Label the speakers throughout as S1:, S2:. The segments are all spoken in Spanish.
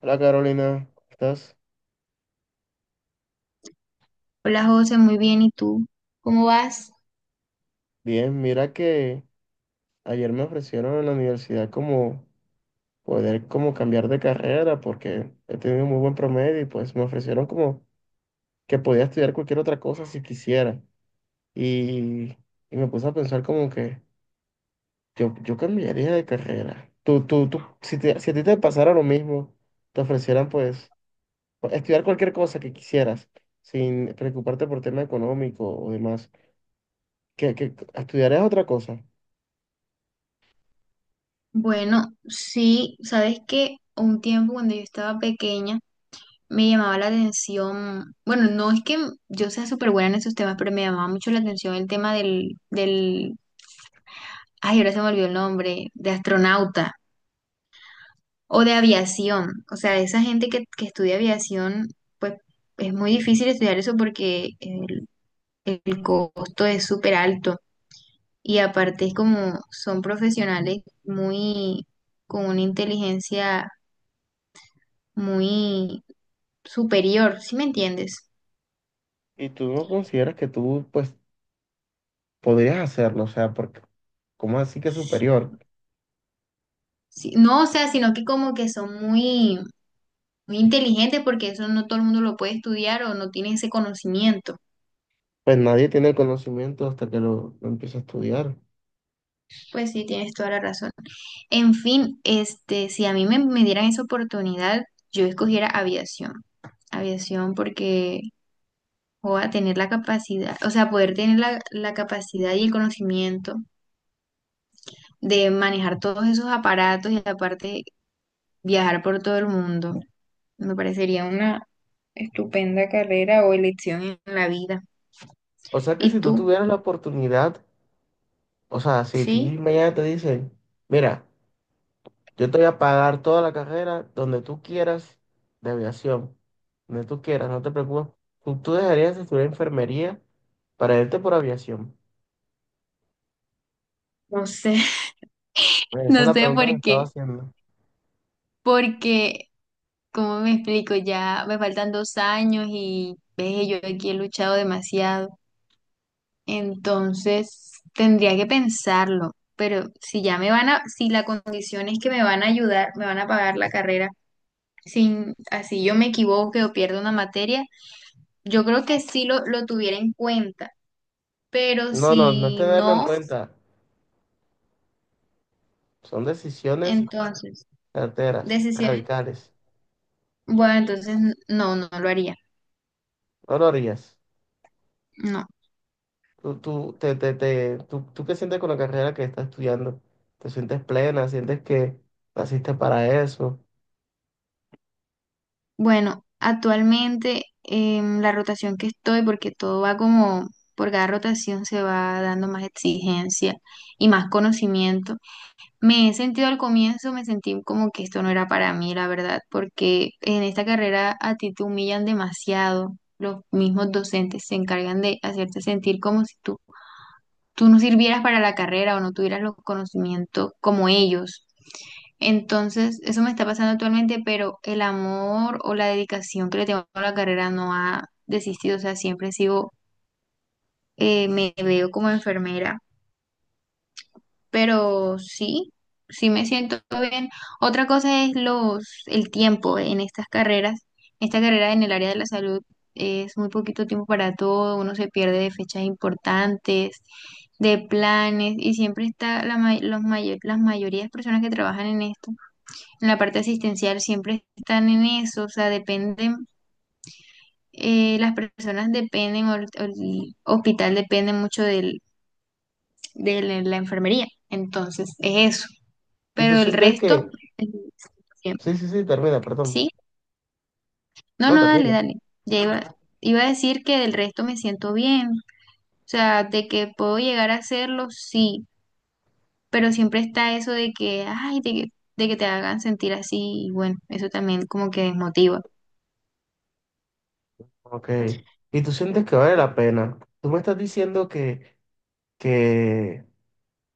S1: Hola Carolina, ¿cómo estás?
S2: Hola José, muy bien. ¿Y tú? ¿Cómo vas?
S1: Bien, mira que ayer me ofrecieron en la universidad como poder como cambiar de carrera porque he tenido muy buen promedio y pues me ofrecieron como que podía estudiar cualquier otra cosa si quisiera. Y, y me puse a pensar como que yo cambiaría de carrera. Tú, si a ti te pasara lo mismo, te ofrecieran pues estudiar cualquier cosa que quisieras sin preocuparte por tema económico o demás, que estudiarías otra cosa.
S2: Bueno, sí, sabes que un tiempo cuando yo estaba pequeña me llamaba la atención, bueno, no es que yo sea súper buena en esos temas, pero me llamaba mucho la atención el tema del, ay, ahora se me olvidó el nombre, de astronauta o de aviación. O sea, esa gente que estudia aviación, pues es muy difícil estudiar eso porque el costo es súper alto. Y aparte es como son profesionales muy, con una inteligencia muy superior, ¿sí me entiendes?
S1: ¿Y tú no consideras que tú, pues, podrías hacerlo? O sea, porque, ¿cómo así que superior?
S2: Sí, no, o sea, sino que como que son muy, muy inteligentes porque eso no todo el mundo lo puede estudiar o no tiene ese conocimiento.
S1: Pues nadie tiene el conocimiento hasta que lo empieza a estudiar.
S2: Pues sí, tienes toda la razón. En fin, este, si a mí me dieran esa oportunidad, yo escogiera aviación. Aviación porque voy a tener la capacidad, o sea, poder tener la capacidad y el conocimiento de manejar todos esos aparatos y aparte viajar por todo el mundo. Me parecería una estupenda carrera o elección en la vida.
S1: O sea que
S2: ¿Y
S1: si tú
S2: tú?
S1: tuvieras la oportunidad, o sea, si a ti
S2: Sí,
S1: mañana te dicen, mira, yo te voy a pagar toda la carrera donde tú quieras, de aviación, donde tú quieras, no te preocupes, tú dejarías de estudiar enfermería para irte por aviación.
S2: no sé,
S1: Pues esa es
S2: no
S1: la
S2: sé por
S1: pregunta que estaba
S2: qué,
S1: haciendo.
S2: porque, ¿cómo me explico? Ya me faltan 2 años y ve, yo aquí he luchado demasiado. Entonces, tendría que pensarlo, pero si ya me van a, si la condición es que me van a ayudar, me van a pagar la carrera, sin, así yo me equivoque o pierdo una materia, yo creo que sí lo tuviera en cuenta, pero
S1: No, no, no es
S2: si
S1: tenerlo en
S2: no,
S1: cuenta, son decisiones
S2: entonces,
S1: carteras,
S2: decisiones,
S1: radicales.
S2: bueno, entonces no, no lo haría,
S1: No lo harías.
S2: no.
S1: Tú, te- tú, ¿tú qué sientes con la carrera que estás estudiando? ¿Te sientes plena? ¿Sientes que naciste para eso?
S2: Bueno, actualmente la rotación que estoy, porque todo va como, por cada rotación se va dando más exigencia y más conocimiento. Me he sentido al comienzo, me sentí como que esto no era para mí, la verdad, porque en esta carrera a ti te humillan demasiado. Los mismos docentes se encargan de hacerte sentir como si tú no sirvieras para la carrera o no tuvieras los conocimientos como ellos. Entonces, eso me está pasando actualmente, pero el amor o la dedicación que le tengo a la carrera no ha desistido, o sea, siempre sigo, me veo como enfermera, pero sí, sí me siento bien. Otra cosa es los, el tiempo en estas carreras. Esta carrera en el área de la salud es muy poquito tiempo para todo, uno se pierde de fechas importantes, de planes, y siempre está la, los las mayorías de personas que trabajan en esto, en la parte asistencial, siempre están en eso, o sea, dependen, las personas dependen, o el hospital depende mucho del, de la enfermería. Entonces, es eso
S1: ¿Y tú
S2: pero el
S1: sientes
S2: resto,
S1: que...
S2: eh, bien.
S1: Sí, sí, sí, termina,
S2: ¿Sí?
S1: perdón.
S2: No,
S1: No,
S2: no, dale,
S1: termina.
S2: dale. Ya iba a decir que del resto me siento bien, o sea, de que puedo llegar a hacerlo, sí, pero siempre está eso de que, ay, de que te hagan sentir así, y bueno, eso también como que desmotiva.
S1: Ok. ¿Y tú sientes que vale la pena? Tú me estás diciendo que,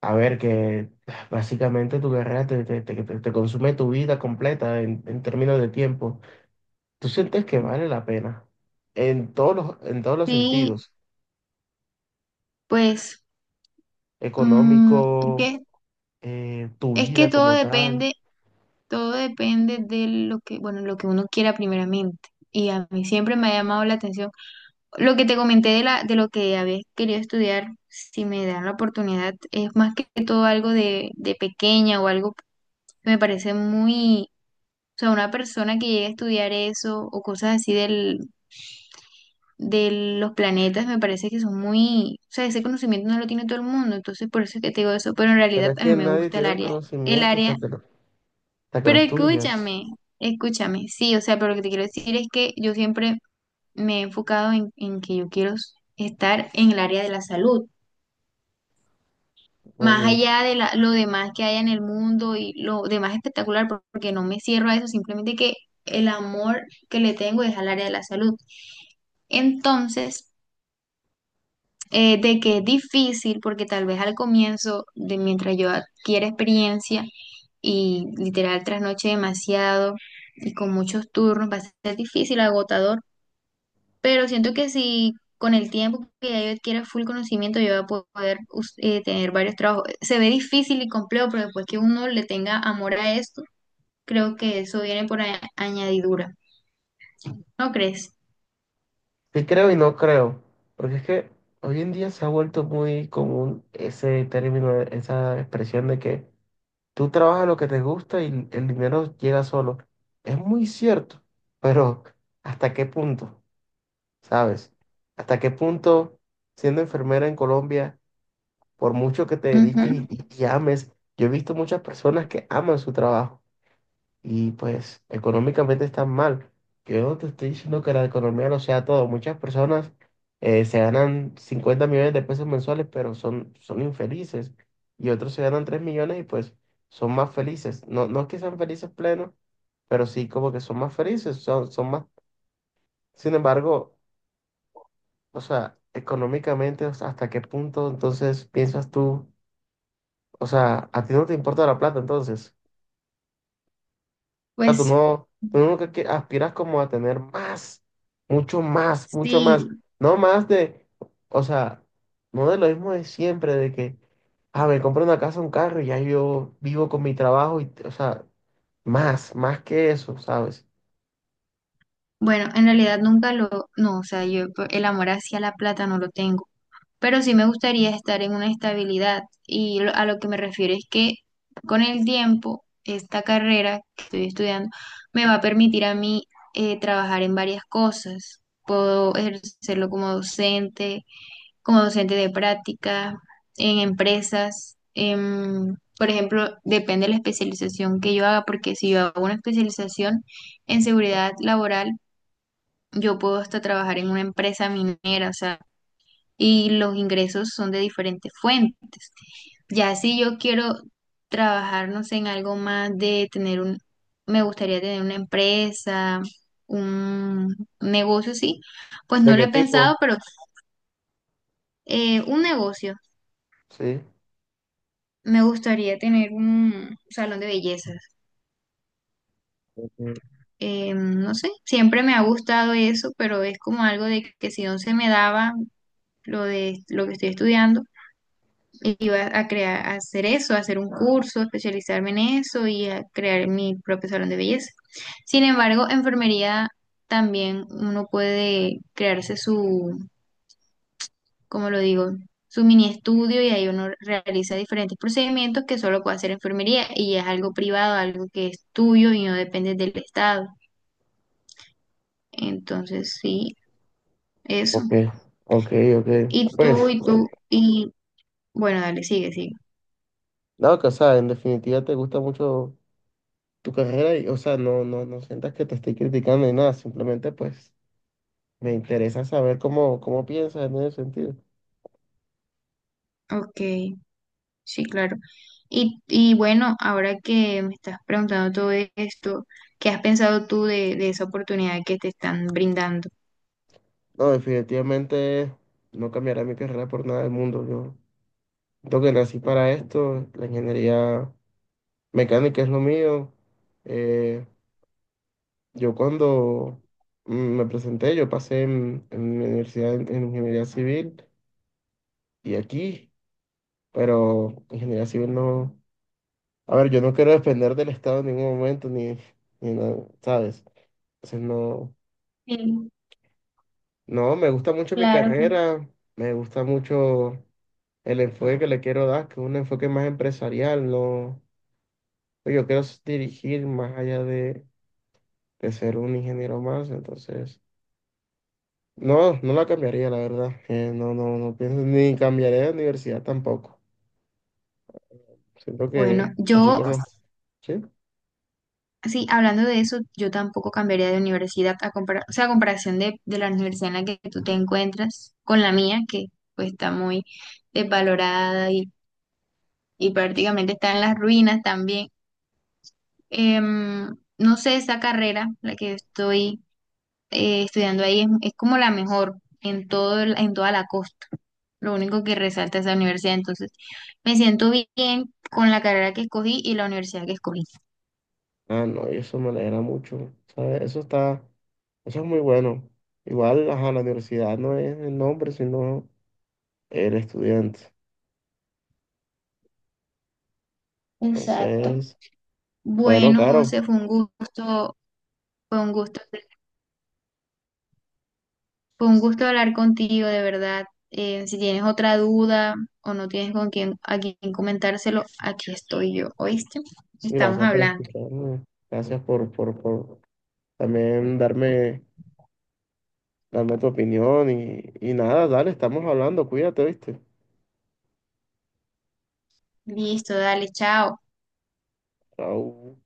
S1: a ver, que básicamente tu carrera te consume tu vida completa en términos de tiempo. ¿Tú sientes que vale la pena? En en todos los
S2: Sí,
S1: sentidos.
S2: pues, mm, es
S1: Económico,
S2: que,
S1: tu
S2: es que
S1: vida como tal.
S2: todo depende de lo que, bueno, lo que uno quiera primeramente. Y a mí siempre me ha llamado la atención lo que te comenté de, la, de lo que había querido estudiar, si me dan la oportunidad, es más que todo algo de pequeña o algo que me parece muy, o sea, una persona que llegue a estudiar eso o cosas así del, de los planetas, me parece que son muy, o sea, ese conocimiento no lo tiene todo el mundo, entonces por eso es que te digo eso, pero en
S1: Pero
S2: realidad
S1: es
S2: a mí
S1: que
S2: me
S1: nadie
S2: gusta
S1: tiene el
S2: el
S1: conocimiento
S2: área,
S1: hasta que hasta que lo
S2: pero
S1: estudias.
S2: escúchame, escúchame, sí, o sea, pero lo que te quiero decir es que yo siempre me he enfocado en que yo quiero estar en el área de la salud más
S1: Como
S2: allá de lo demás que haya en el mundo y lo demás espectacular, porque no me cierro a eso, simplemente que el amor que le tengo es al área de la salud. Entonces, de que es difícil, porque tal vez al comienzo, de mientras yo adquiera experiencia y literal trasnoche demasiado y con muchos turnos, va a ser difícil, agotador, pero siento que si con el tiempo que ya yo adquiera full conocimiento, yo voy a poder tener varios trabajos. Se ve difícil y complejo, pero después que uno le tenga amor a esto, creo que eso viene por añadidura. ¿No crees?
S1: sí creo y no creo, porque es que hoy en día se ha vuelto muy común ese término, esa expresión de que tú trabajas lo que te gusta y el dinero llega solo. Es muy cierto, pero ¿hasta qué punto? ¿Sabes? ¿Hasta qué punto siendo enfermera en Colombia? Por mucho que te dediques
S2: Ujú.
S1: y ames. Yo he visto muchas personas que aman su trabajo y pues económicamente están mal. Yo no te estoy diciendo que la economía lo sea todo. Muchas personas se ganan 50 millones de pesos mensuales, pero son infelices. Y otros se ganan 3 millones y pues son más felices. No, no es que sean felices plenos, pero sí como que son más felices, son más. Sin embargo, o sea, económicamente, o sea, ¿hasta qué punto entonces piensas tú? O sea, a ti no te importa la plata entonces. O sea,
S2: Pues
S1: tú no que aspiras como a tener más, mucho más.
S2: sí.
S1: No más de, o sea, no de lo mismo de siempre, de que, ah, me compro una casa, un carro y ya yo vivo con mi trabajo y, o sea, más, más que eso, ¿sabes?
S2: Bueno, en realidad nunca lo, no, o sea, yo el amor hacia la plata no lo tengo, pero sí me gustaría estar en una estabilidad. Y a lo que me refiero es que con el tiempo, esta carrera que estoy estudiando me va a permitir a mí trabajar en varias cosas. Puedo ejercerlo como docente de práctica, en empresas. Por ejemplo, depende de la especialización que yo haga, porque si yo hago una especialización en seguridad laboral, yo puedo hasta trabajar en una empresa minera, o sea, y los ingresos son de diferentes fuentes. Ya si yo quiero trabajar, no sé, en algo más de tener un, me gustaría tener una empresa, un negocio, sí, pues
S1: ¿De
S2: no lo
S1: qué
S2: he
S1: tipo?
S2: pensado, pero un negocio.
S1: Sí.
S2: Me gustaría tener un salón de bellezas.
S1: Ok,
S2: No sé, siempre me ha gustado eso, pero es como algo de que si no se me daba lo de lo que estoy estudiando, iba a crear, a hacer eso, a hacer un curso, especializarme en eso y a crear mi propio salón de belleza. Sin embargo, enfermería también uno puede crearse su, ¿cómo lo digo? Su mini estudio y ahí uno realiza diferentes procedimientos que solo puede hacer enfermería y es algo privado, algo que es tuyo y no depende del estado. Entonces, sí, eso.
S1: ok, ok. Ok.
S2: Y tú,
S1: Pues,
S2: y
S1: bueno,
S2: tú, y bueno, dale, sigue, sigue.
S1: no, que, o sea, en definitiva te gusta mucho tu carrera y, o sea, no, no sientas que te estoy criticando ni nada, simplemente pues me interesa saber cómo piensas en ese sentido.
S2: Ok. Sí, claro. Y bueno, ahora que me estás preguntando todo esto, ¿qué has pensado tú de esa oportunidad que te están brindando?
S1: No, definitivamente no cambiaré mi carrera por nada del mundo. Yo siento que nací para esto, la ingeniería mecánica es lo mío. Eh, yo cuando me presenté, yo pasé en mi universidad en ingeniería civil y aquí, pero ingeniería civil no... A ver, yo no quiero depender del Estado en ningún momento, ni nada, ¿sabes? Entonces,
S2: Sí,
S1: no, me gusta mucho mi
S2: claro.
S1: carrera, me gusta mucho el enfoque que le quiero dar, que es un enfoque más empresarial, no, pues, yo quiero dirigir más allá de ser un ingeniero más, entonces, no, no la cambiaría, la verdad, no pienso, ni cambiaría de universidad tampoco, siento
S2: Bueno,
S1: que, así
S2: yo,
S1: como, ¿sí?
S2: sí, hablando de eso, yo tampoco cambiaría de universidad a comparar, o sea, a comparación de la universidad en la que tú te encuentras con la mía, que pues está muy desvalorada y prácticamente está en las ruinas también. Em, no sé, esa carrera, la que estoy estudiando ahí es como la mejor en todo, en toda la costa. Lo único que resalta es la universidad. Entonces, me siento bien con la carrera que escogí y la universidad que escogí.
S1: Ah, no, y eso me alegra mucho, ¿sabes? Eso está, eso es muy bueno, igual, ajá, la universidad no es el nombre, sino el estudiante.
S2: Exacto.
S1: Entonces, bueno,
S2: Bueno,
S1: Caro,
S2: José, fue un gusto, fue un gusto hablar contigo, de verdad. Si tienes otra duda o no tienes con quién, a quién comentárselo, aquí estoy yo, ¿oíste?
S1: y
S2: Estamos
S1: gracias por
S2: hablando.
S1: escucharme. Gracias por también darme tu opinión y nada, dale, estamos hablando, cuídate, ¿viste?
S2: Listo, dale, chao.
S1: Chao.